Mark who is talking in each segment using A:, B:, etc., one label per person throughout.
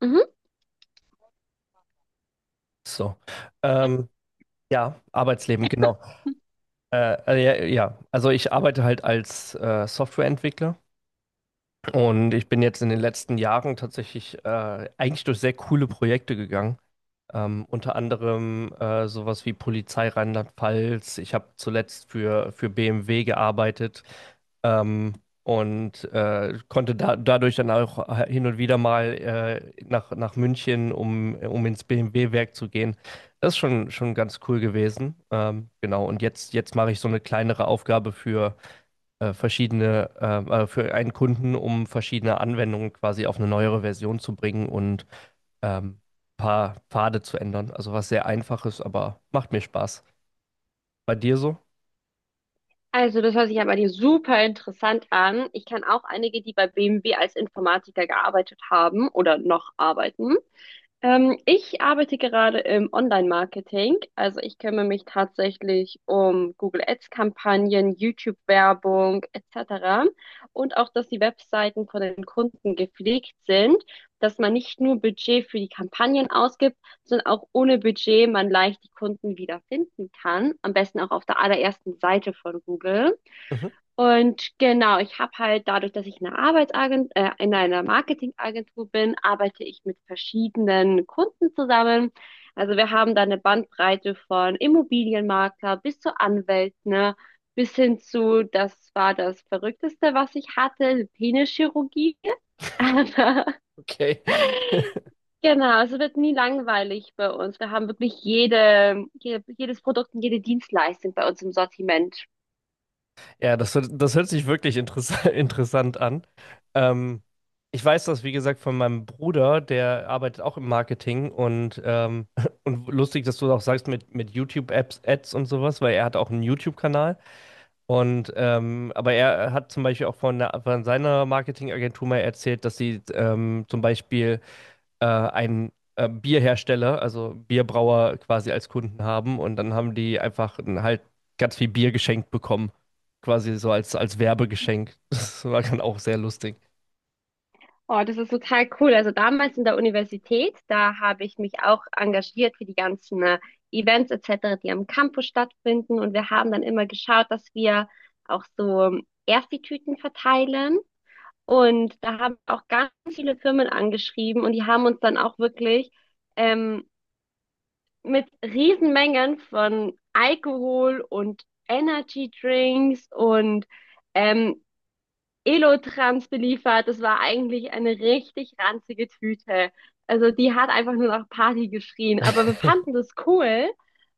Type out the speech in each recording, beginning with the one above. A: Mhm.
B: So. Ähm, ja, Arbeitsleben, genau. Äh, ja, also ich arbeite halt als Softwareentwickler und ich bin jetzt in den letzten Jahren tatsächlich eigentlich durch sehr coole Projekte gegangen. Unter anderem sowas wie Polizei Rheinland-Pfalz. Ich habe zuletzt für BMW gearbeitet ähm, und konnte da, dadurch dann auch hin und wieder mal nach München, um ins BMW-Werk zu gehen. Das ist schon ganz cool gewesen. Genau, und jetzt mache ich so eine kleinere Aufgabe für für einen Kunden, um verschiedene Anwendungen quasi auf eine neuere Version zu bringen und ähm, paar Pfade zu ändern. Also was sehr einfaches, aber macht mir Spaß. Bei dir so?
A: Also, das hört sich aber dir super interessant an. Ich kann auch einige, die bei BMW als Informatiker gearbeitet haben oder noch arbeiten. Ich arbeite gerade im Online-Marketing. Also ich kümmere mich tatsächlich um Google Ads-Kampagnen, YouTube-Werbung etc. Und auch, dass die Webseiten von den Kunden gepflegt sind, dass man nicht nur Budget für die Kampagnen ausgibt, sondern auch ohne Budget man leicht die Kunden wiederfinden kann. Am besten auch auf der allerersten Seite von Google.
B: Mhm.
A: Und genau, ich habe halt dadurch, dass ich in einer in einer Marketingagentur bin, arbeite ich mit verschiedenen Kunden zusammen. Also wir haben da eine Bandbreite von Immobilienmakler bis zu Anwälten, ne, bis hin zu, das war das Verrückteste, was ich hatte, Penischirurgie. Aber
B: Okay.
A: genau, es wird nie langweilig bei uns. Wir haben wirklich jedes Produkt und jede Dienstleistung bei uns im Sortiment.
B: Ja, das hört sich wirklich interess interessant an. Ähm, Ich weiß das, wie gesagt, von meinem Bruder, der arbeitet auch im Marketing und, und lustig, dass du auch sagst mit YouTube-Apps, Ads und sowas, weil er hat auch einen YouTube-Kanal. Und aber er hat zum Beispiel auch von seiner Marketingagentur mal erzählt, dass sie zum Beispiel einen Bierhersteller, also Bierbrauer quasi als Kunden haben und dann haben die einfach halt ganz viel Bier geschenkt bekommen. Quasi so als Werbegeschenk. Das war dann auch sehr lustig.
A: Oh, das ist total cool. Also damals in der Universität, da habe ich mich auch engagiert für die ganzen Events etc., die am Campus stattfinden. Und wir haben dann immer geschaut, dass wir auch so Ersti-Tüten verteilen. Und da haben auch ganz viele Firmen angeschrieben und die haben uns dann auch wirklich ähm, mit Riesenmengen von Alkohol und Energy Drinks und ähm, Elotrans beliefert. Das war eigentlich eine richtig ranzige Tüte. Also die hat einfach nur nach Party geschrien. Aber wir fanden das cool,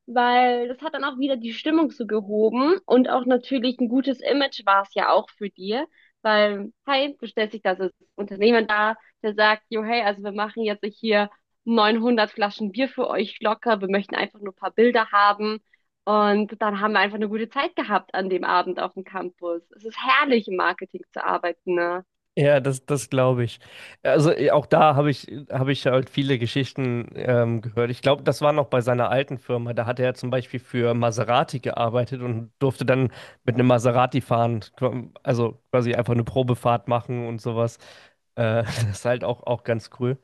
A: weil das hat dann auch wieder die Stimmung so gehoben und auch natürlich ein gutes Image war es ja auch für dir. Weil, hey, du stellst dich da als Unternehmer da, der sagt, jo, hey, also wir machen jetzt hier 900 Flaschen Bier für euch locker, wir möchten einfach nur ein paar Bilder haben. Und dann haben wir einfach eine gute Zeit gehabt an dem Abend auf dem Campus. Es ist herrlich, im Marketing zu arbeiten, ne?
B: Ja, das, das glaube ich. Also eh, auch da habe ich halt viele Geschichten gehört. Ich glaube, das war noch bei seiner alten Firma. Da hat er zum Beispiel für Maserati gearbeitet und durfte dann mit einem Maserati fahren, quasi einfach eine Probefahrt machen und sowas. Das ist halt auch ganz cool.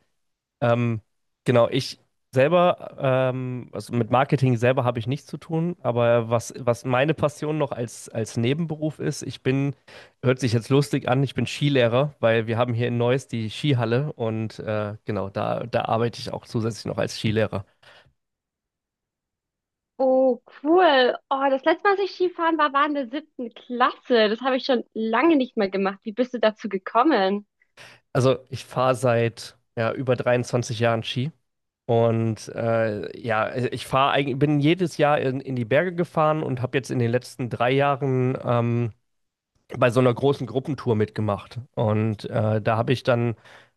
B: Ähm, genau, ich selber, also mit Marketing selber habe ich nichts zu tun, aber was meine Passion noch als Nebenberuf ist, ich bin, hört sich jetzt lustig an, ich bin Skilehrer, weil wir haben hier in Neuss die Skihalle und genau, da arbeite ich auch zusätzlich noch als Skilehrer.
A: Oh, cool. Oh, das letzte Mal, als ich Skifahren war, war in der siebten Klasse. Das habe ich schon lange nicht mehr gemacht. Wie bist du dazu gekommen?
B: Also ich fahre seit ja, über 23 Jahren Ski. Und ja, ich fahre eigentlich, bin jedes Jahr in die Berge gefahren und habe jetzt in den letzten drei Jahren bei so einer großen Gruppentour mitgemacht. Und da habe ich dann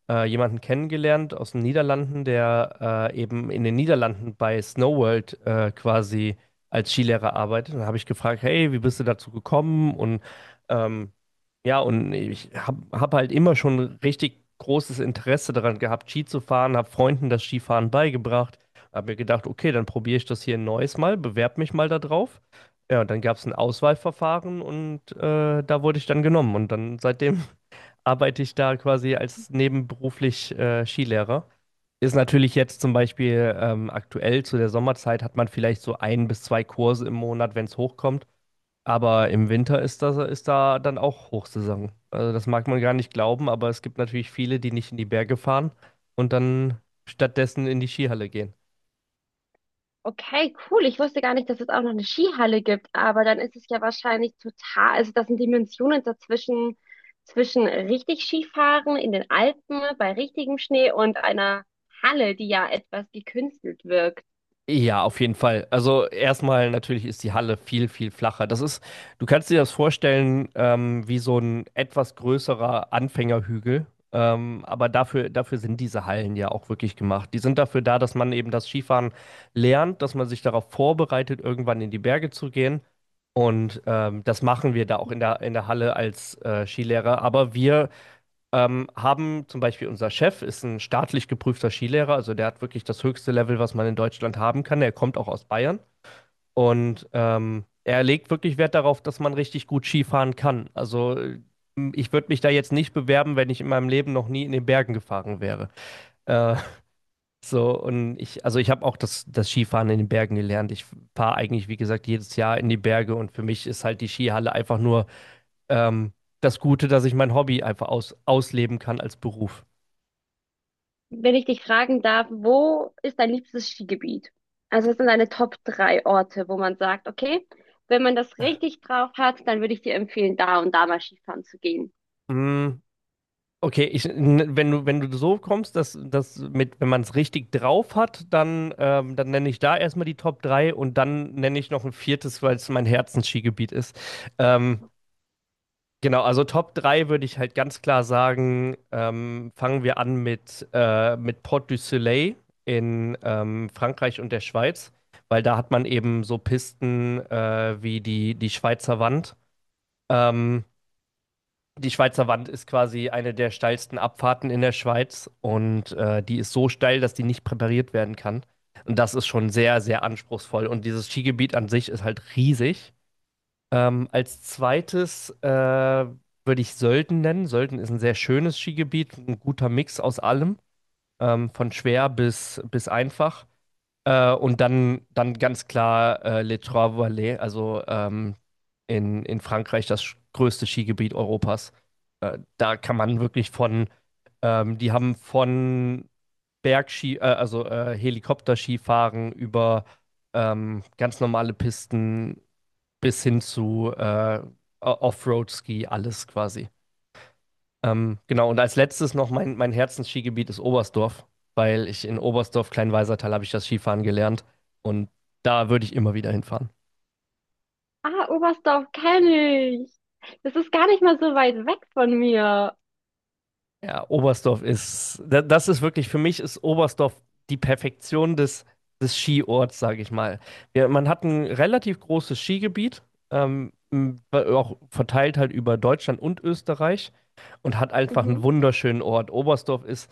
B: jemanden kennengelernt aus den Niederlanden, der eben in den Niederlanden bei Snow World quasi als Skilehrer arbeitet. Und da habe ich gefragt, hey, wie bist du dazu gekommen? Und ähm, ja, und ich hab halt immer schon richtig großes Interesse daran gehabt, Ski zu fahren, habe Freunden das Skifahren beigebracht, habe mir gedacht, okay, dann probiere ich das hier ein neues Mal, bewerbe mich mal da drauf. Ja, und dann gab es ein Auswahlverfahren und da wurde ich dann genommen. Und dann seitdem arbeite ich da quasi als nebenberuflich Skilehrer. Ist natürlich jetzt zum Beispiel aktuell zu der Sommerzeit hat man vielleicht so ein bis zwei Kurse im Monat, wenn es hochkommt. Aber im Winter ist das, ist da dann auch Hochsaison. Also das mag man gar nicht glauben, aber es gibt natürlich viele, die nicht in die Berge fahren und dann stattdessen in die Skihalle gehen.
A: Okay, cool. Ich wusste gar nicht, dass es auch noch eine Skihalle gibt, aber dann ist es ja wahrscheinlich total, also das sind Dimensionen dazwischen, zwischen richtig Skifahren in den Alpen bei richtigem Schnee und einer Halle, die ja etwas gekünstelt wirkt.
B: Ja, auf jeden Fall. Also erstmal natürlich ist die Halle viel flacher. Das ist, du kannst dir das vorstellen, wie so ein etwas größerer Anfängerhügel. Aber dafür sind diese Hallen ja auch wirklich gemacht. Die sind dafür da, dass man eben das Skifahren lernt, dass man sich darauf vorbereitet, irgendwann in die Berge zu gehen. Und das machen wir da auch in der Halle als Skilehrer. Aber wir haben zum Beispiel, unser Chef ist ein staatlich geprüfter Skilehrer, also der hat wirklich das höchste Level, was man in Deutschland haben kann. Er kommt auch aus Bayern und er legt wirklich Wert darauf, dass man richtig gut Skifahren kann. Also ich würde mich da jetzt nicht bewerben, wenn ich in meinem Leben noch nie in den Bergen gefahren wäre. Äh, so und ich, also ich habe auch das Skifahren in den Bergen gelernt. Ich fahre eigentlich, wie gesagt, jedes Jahr in die Berge und für mich ist halt die Skihalle einfach nur ähm, das Gute, dass ich mein Hobby einfach ausleben kann als Beruf.
A: Wenn ich dich fragen darf, wo ist dein liebstes Skigebiet? Also, was sind deine Top drei Orte, wo man sagt, okay, wenn man das richtig drauf hat, dann würde ich dir empfehlen, da und da mal Skifahren zu gehen.
B: Mm. Okay, wenn du so kommst, dass das mit, wenn man es richtig drauf hat, dann, dann nenne ich da erstmal die Top 3 und dann nenne ich noch ein viertes, weil es mein Herzensskigebiet ist. Ähm, genau, also Top 3 würde ich halt ganz klar sagen, fangen wir an mit Port du Soleil in Frankreich und der Schweiz, weil da hat man eben so Pisten wie die Schweizer Wand. Ähm, Die Schweizer Wand ist quasi eine der steilsten Abfahrten in der Schweiz und die ist so steil, dass die nicht präpariert werden kann. Und das ist schon sehr, sehr anspruchsvoll. Und dieses Skigebiet an sich ist halt riesig. Als zweites würde ich Sölden nennen. Sölden ist ein sehr schönes Skigebiet, ein guter Mix aus allem, von schwer bis einfach. Und dann ganz klar Les Trois Vallées, also in Frankreich das größte Skigebiet Europas. Da kann man wirklich von, die haben von Bergski, Helikopterskifahren über ganz normale Pisten bis hin zu Offroad-Ski, alles quasi. Genau, und als letztes noch mein Herzensskigebiet ist Oberstdorf, weil ich in Oberstdorf, Kleinweisertal, habe ich das Skifahren gelernt und da würde ich immer wieder hinfahren.
A: Ah, Oberstdorf kenne ich. Das ist gar nicht mal so weit weg von mir.
B: Ja, Oberstdorf ist, da- das ist wirklich, für mich ist Oberstdorf die Perfektion des, des Skiorts, sage ich mal. Wir, man hat ein relativ großes Skigebiet, auch verteilt halt über Deutschland und Österreich und hat einfach einen
A: Mhm.
B: wunderschönen Ort. Oberstdorf ist,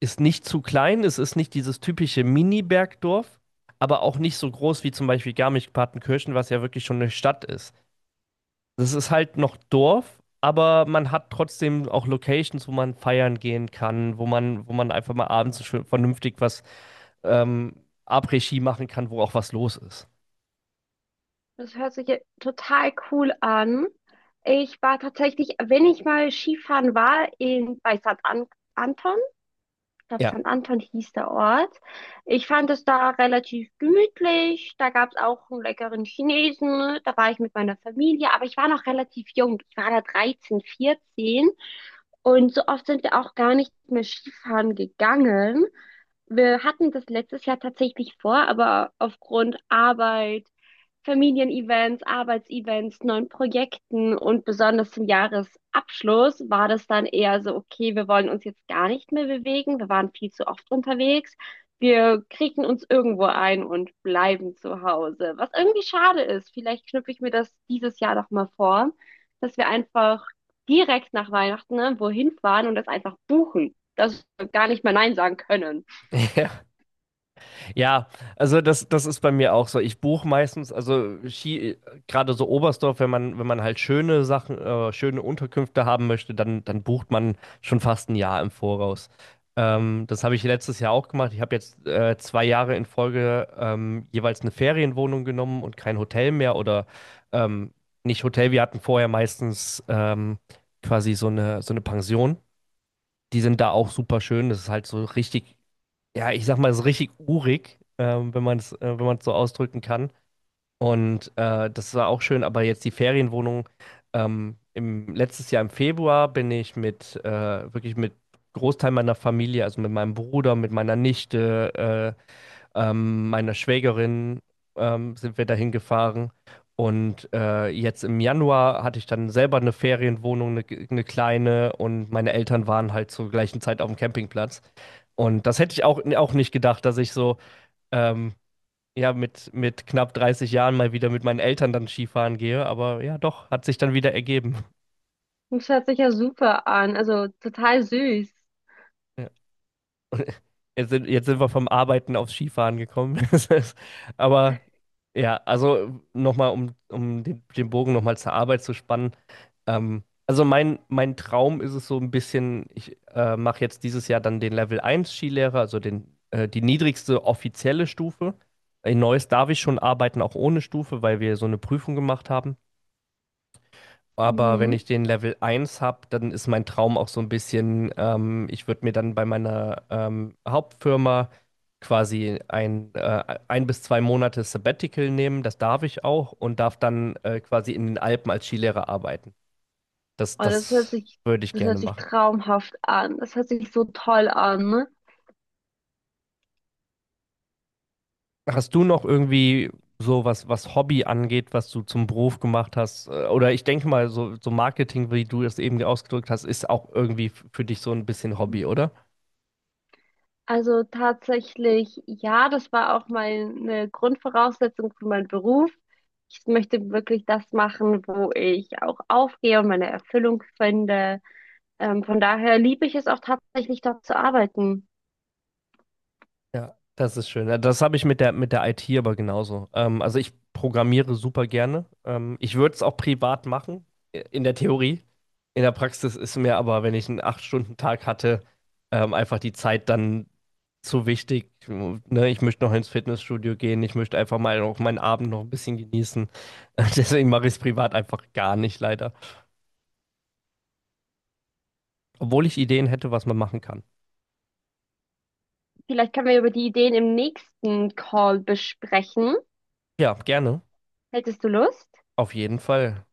B: ist nicht zu klein, es ist nicht dieses typische Mini-Bergdorf, aber auch nicht so groß wie zum Beispiel Garmisch-Partenkirchen, was ja wirklich schon eine Stadt ist. Das ist halt noch Dorf, aber man hat trotzdem auch Locations, wo man feiern gehen kann, wo man einfach mal abends schön vernünftig was ähm, Après-Ski machen kann, wo auch was los ist.
A: Das hört sich ja total cool an. Ich war tatsächlich, wenn ich mal Skifahren war, in, bei St. An Anton. Ich glaube,
B: Ja.
A: St. Anton hieß der Ort. Ich fand es da relativ gemütlich. Da gab es auch einen leckeren Chinesen. Da war ich mit meiner Familie, aber ich war noch relativ jung. Ich war da 13, 14. Und so oft sind wir auch gar nicht mehr Skifahren gegangen. Wir hatten das letztes Jahr tatsächlich vor, aber aufgrund Arbeit, Familienevents, Arbeitsevents, neuen Projekten und besonders zum Jahresabschluss war das dann eher so, okay, wir wollen uns jetzt gar nicht mehr bewegen, wir waren viel zu oft unterwegs, wir kriegen uns irgendwo ein und bleiben zu Hause, was irgendwie schade ist. Vielleicht knüpfe ich mir das dieses Jahr doch mal vor, dass wir einfach direkt nach Weihnachten, ne, wohin fahren und das einfach buchen. Dass wir gar nicht mehr Nein sagen können.
B: Ja, also das, das ist bei mir auch so. Ich buche meistens, also Ski, gerade so Oberstdorf, wenn man halt schöne Sachen, schöne Unterkünfte haben möchte, dann bucht man schon fast ein Jahr im Voraus. Das habe ich letztes Jahr auch gemacht. Ich habe jetzt zwei Jahre in Folge jeweils eine Ferienwohnung genommen und kein Hotel mehr oder ähm, nicht Hotel. Wir hatten vorher meistens quasi so eine Pension. Die sind da auch super schön. Das ist halt so richtig ja, ich sag mal, ist richtig urig, wenn man es wenn man es so ausdrücken kann. Und das war auch schön, aber jetzt die Ferienwohnung. Letztes Jahr im Februar bin ich wirklich mit Großteil meiner Familie, also mit meinem Bruder, mit meiner Nichte, meiner Schwägerin sind wir dahin gefahren. Und jetzt im Januar hatte ich dann selber eine Ferienwohnung, eine kleine, und meine Eltern waren halt zur gleichen Zeit auf dem Campingplatz. Und das hätte ich auch nicht gedacht, dass ich so ähm, ja, mit knapp 30 Jahren mal wieder mit meinen Eltern dann Skifahren gehe. Aber ja, doch, hat sich dann wieder ergeben.
A: Das hört sich ja super an, also total süß.
B: Jetzt sind wir vom Arbeiten aufs Skifahren gekommen. Das ist- Aber Ja, also nochmal, um den, den Bogen nochmal zur Arbeit zu spannen. Also mein Traum ist es so ein bisschen, ich mache jetzt dieses Jahr dann den Level eins Skilehrer, also den, die niedrigste offizielle Stufe. In Neuss darf ich schon arbeiten, auch ohne Stufe, weil wir so eine Prüfung gemacht haben. Aber wenn
A: Mhm.
B: ich den Level eins habe, dann ist mein Traum auch so ein bisschen, ich würde mir dann bei meiner Hauptfirma quasi ein bis zwei Monate Sabbatical nehmen, das darf ich auch und darf dann quasi in den Alpen als Skilehrer arbeiten. Das,
A: Oh,
B: das würde ich
A: das hört
B: gerne
A: sich
B: machen.
A: traumhaft an. Das hört sich so toll an. Ne?
B: Hast du noch irgendwie so was, was Hobby angeht, was du zum Beruf gemacht hast? Oder ich denke mal, so, so Marketing, wie du es eben ausgedrückt hast, ist auch irgendwie für dich so ein bisschen Hobby, oder?
A: Also tatsächlich, ja, das war auch meine Grundvoraussetzung für meinen Beruf. Ich möchte wirklich das machen, wo ich auch aufgehe und meine Erfüllung finde. Von daher liebe ich es auch tatsächlich, dort zu arbeiten.
B: Ja, das ist schön. Ja, das habe ich mit der IT aber genauso. Also ich programmiere super gerne. Ich würde es auch privat machen, in der Theorie. In der Praxis ist mir aber, wenn ich einen acht stunden tag hatte, einfach die Zeit dann zu wichtig. Ne? Ich möchte noch ins Fitnessstudio gehen. Ich möchte einfach mal auch meinen Abend noch ein bisschen genießen. Deswegen mache ich es privat einfach gar nicht, leider. Obwohl ich Ideen hätte, was man machen kann.
A: Vielleicht können wir über die Ideen im nächsten Call besprechen.
B: Ja, gerne.
A: Hättest du Lust?
B: Auf jeden Fall.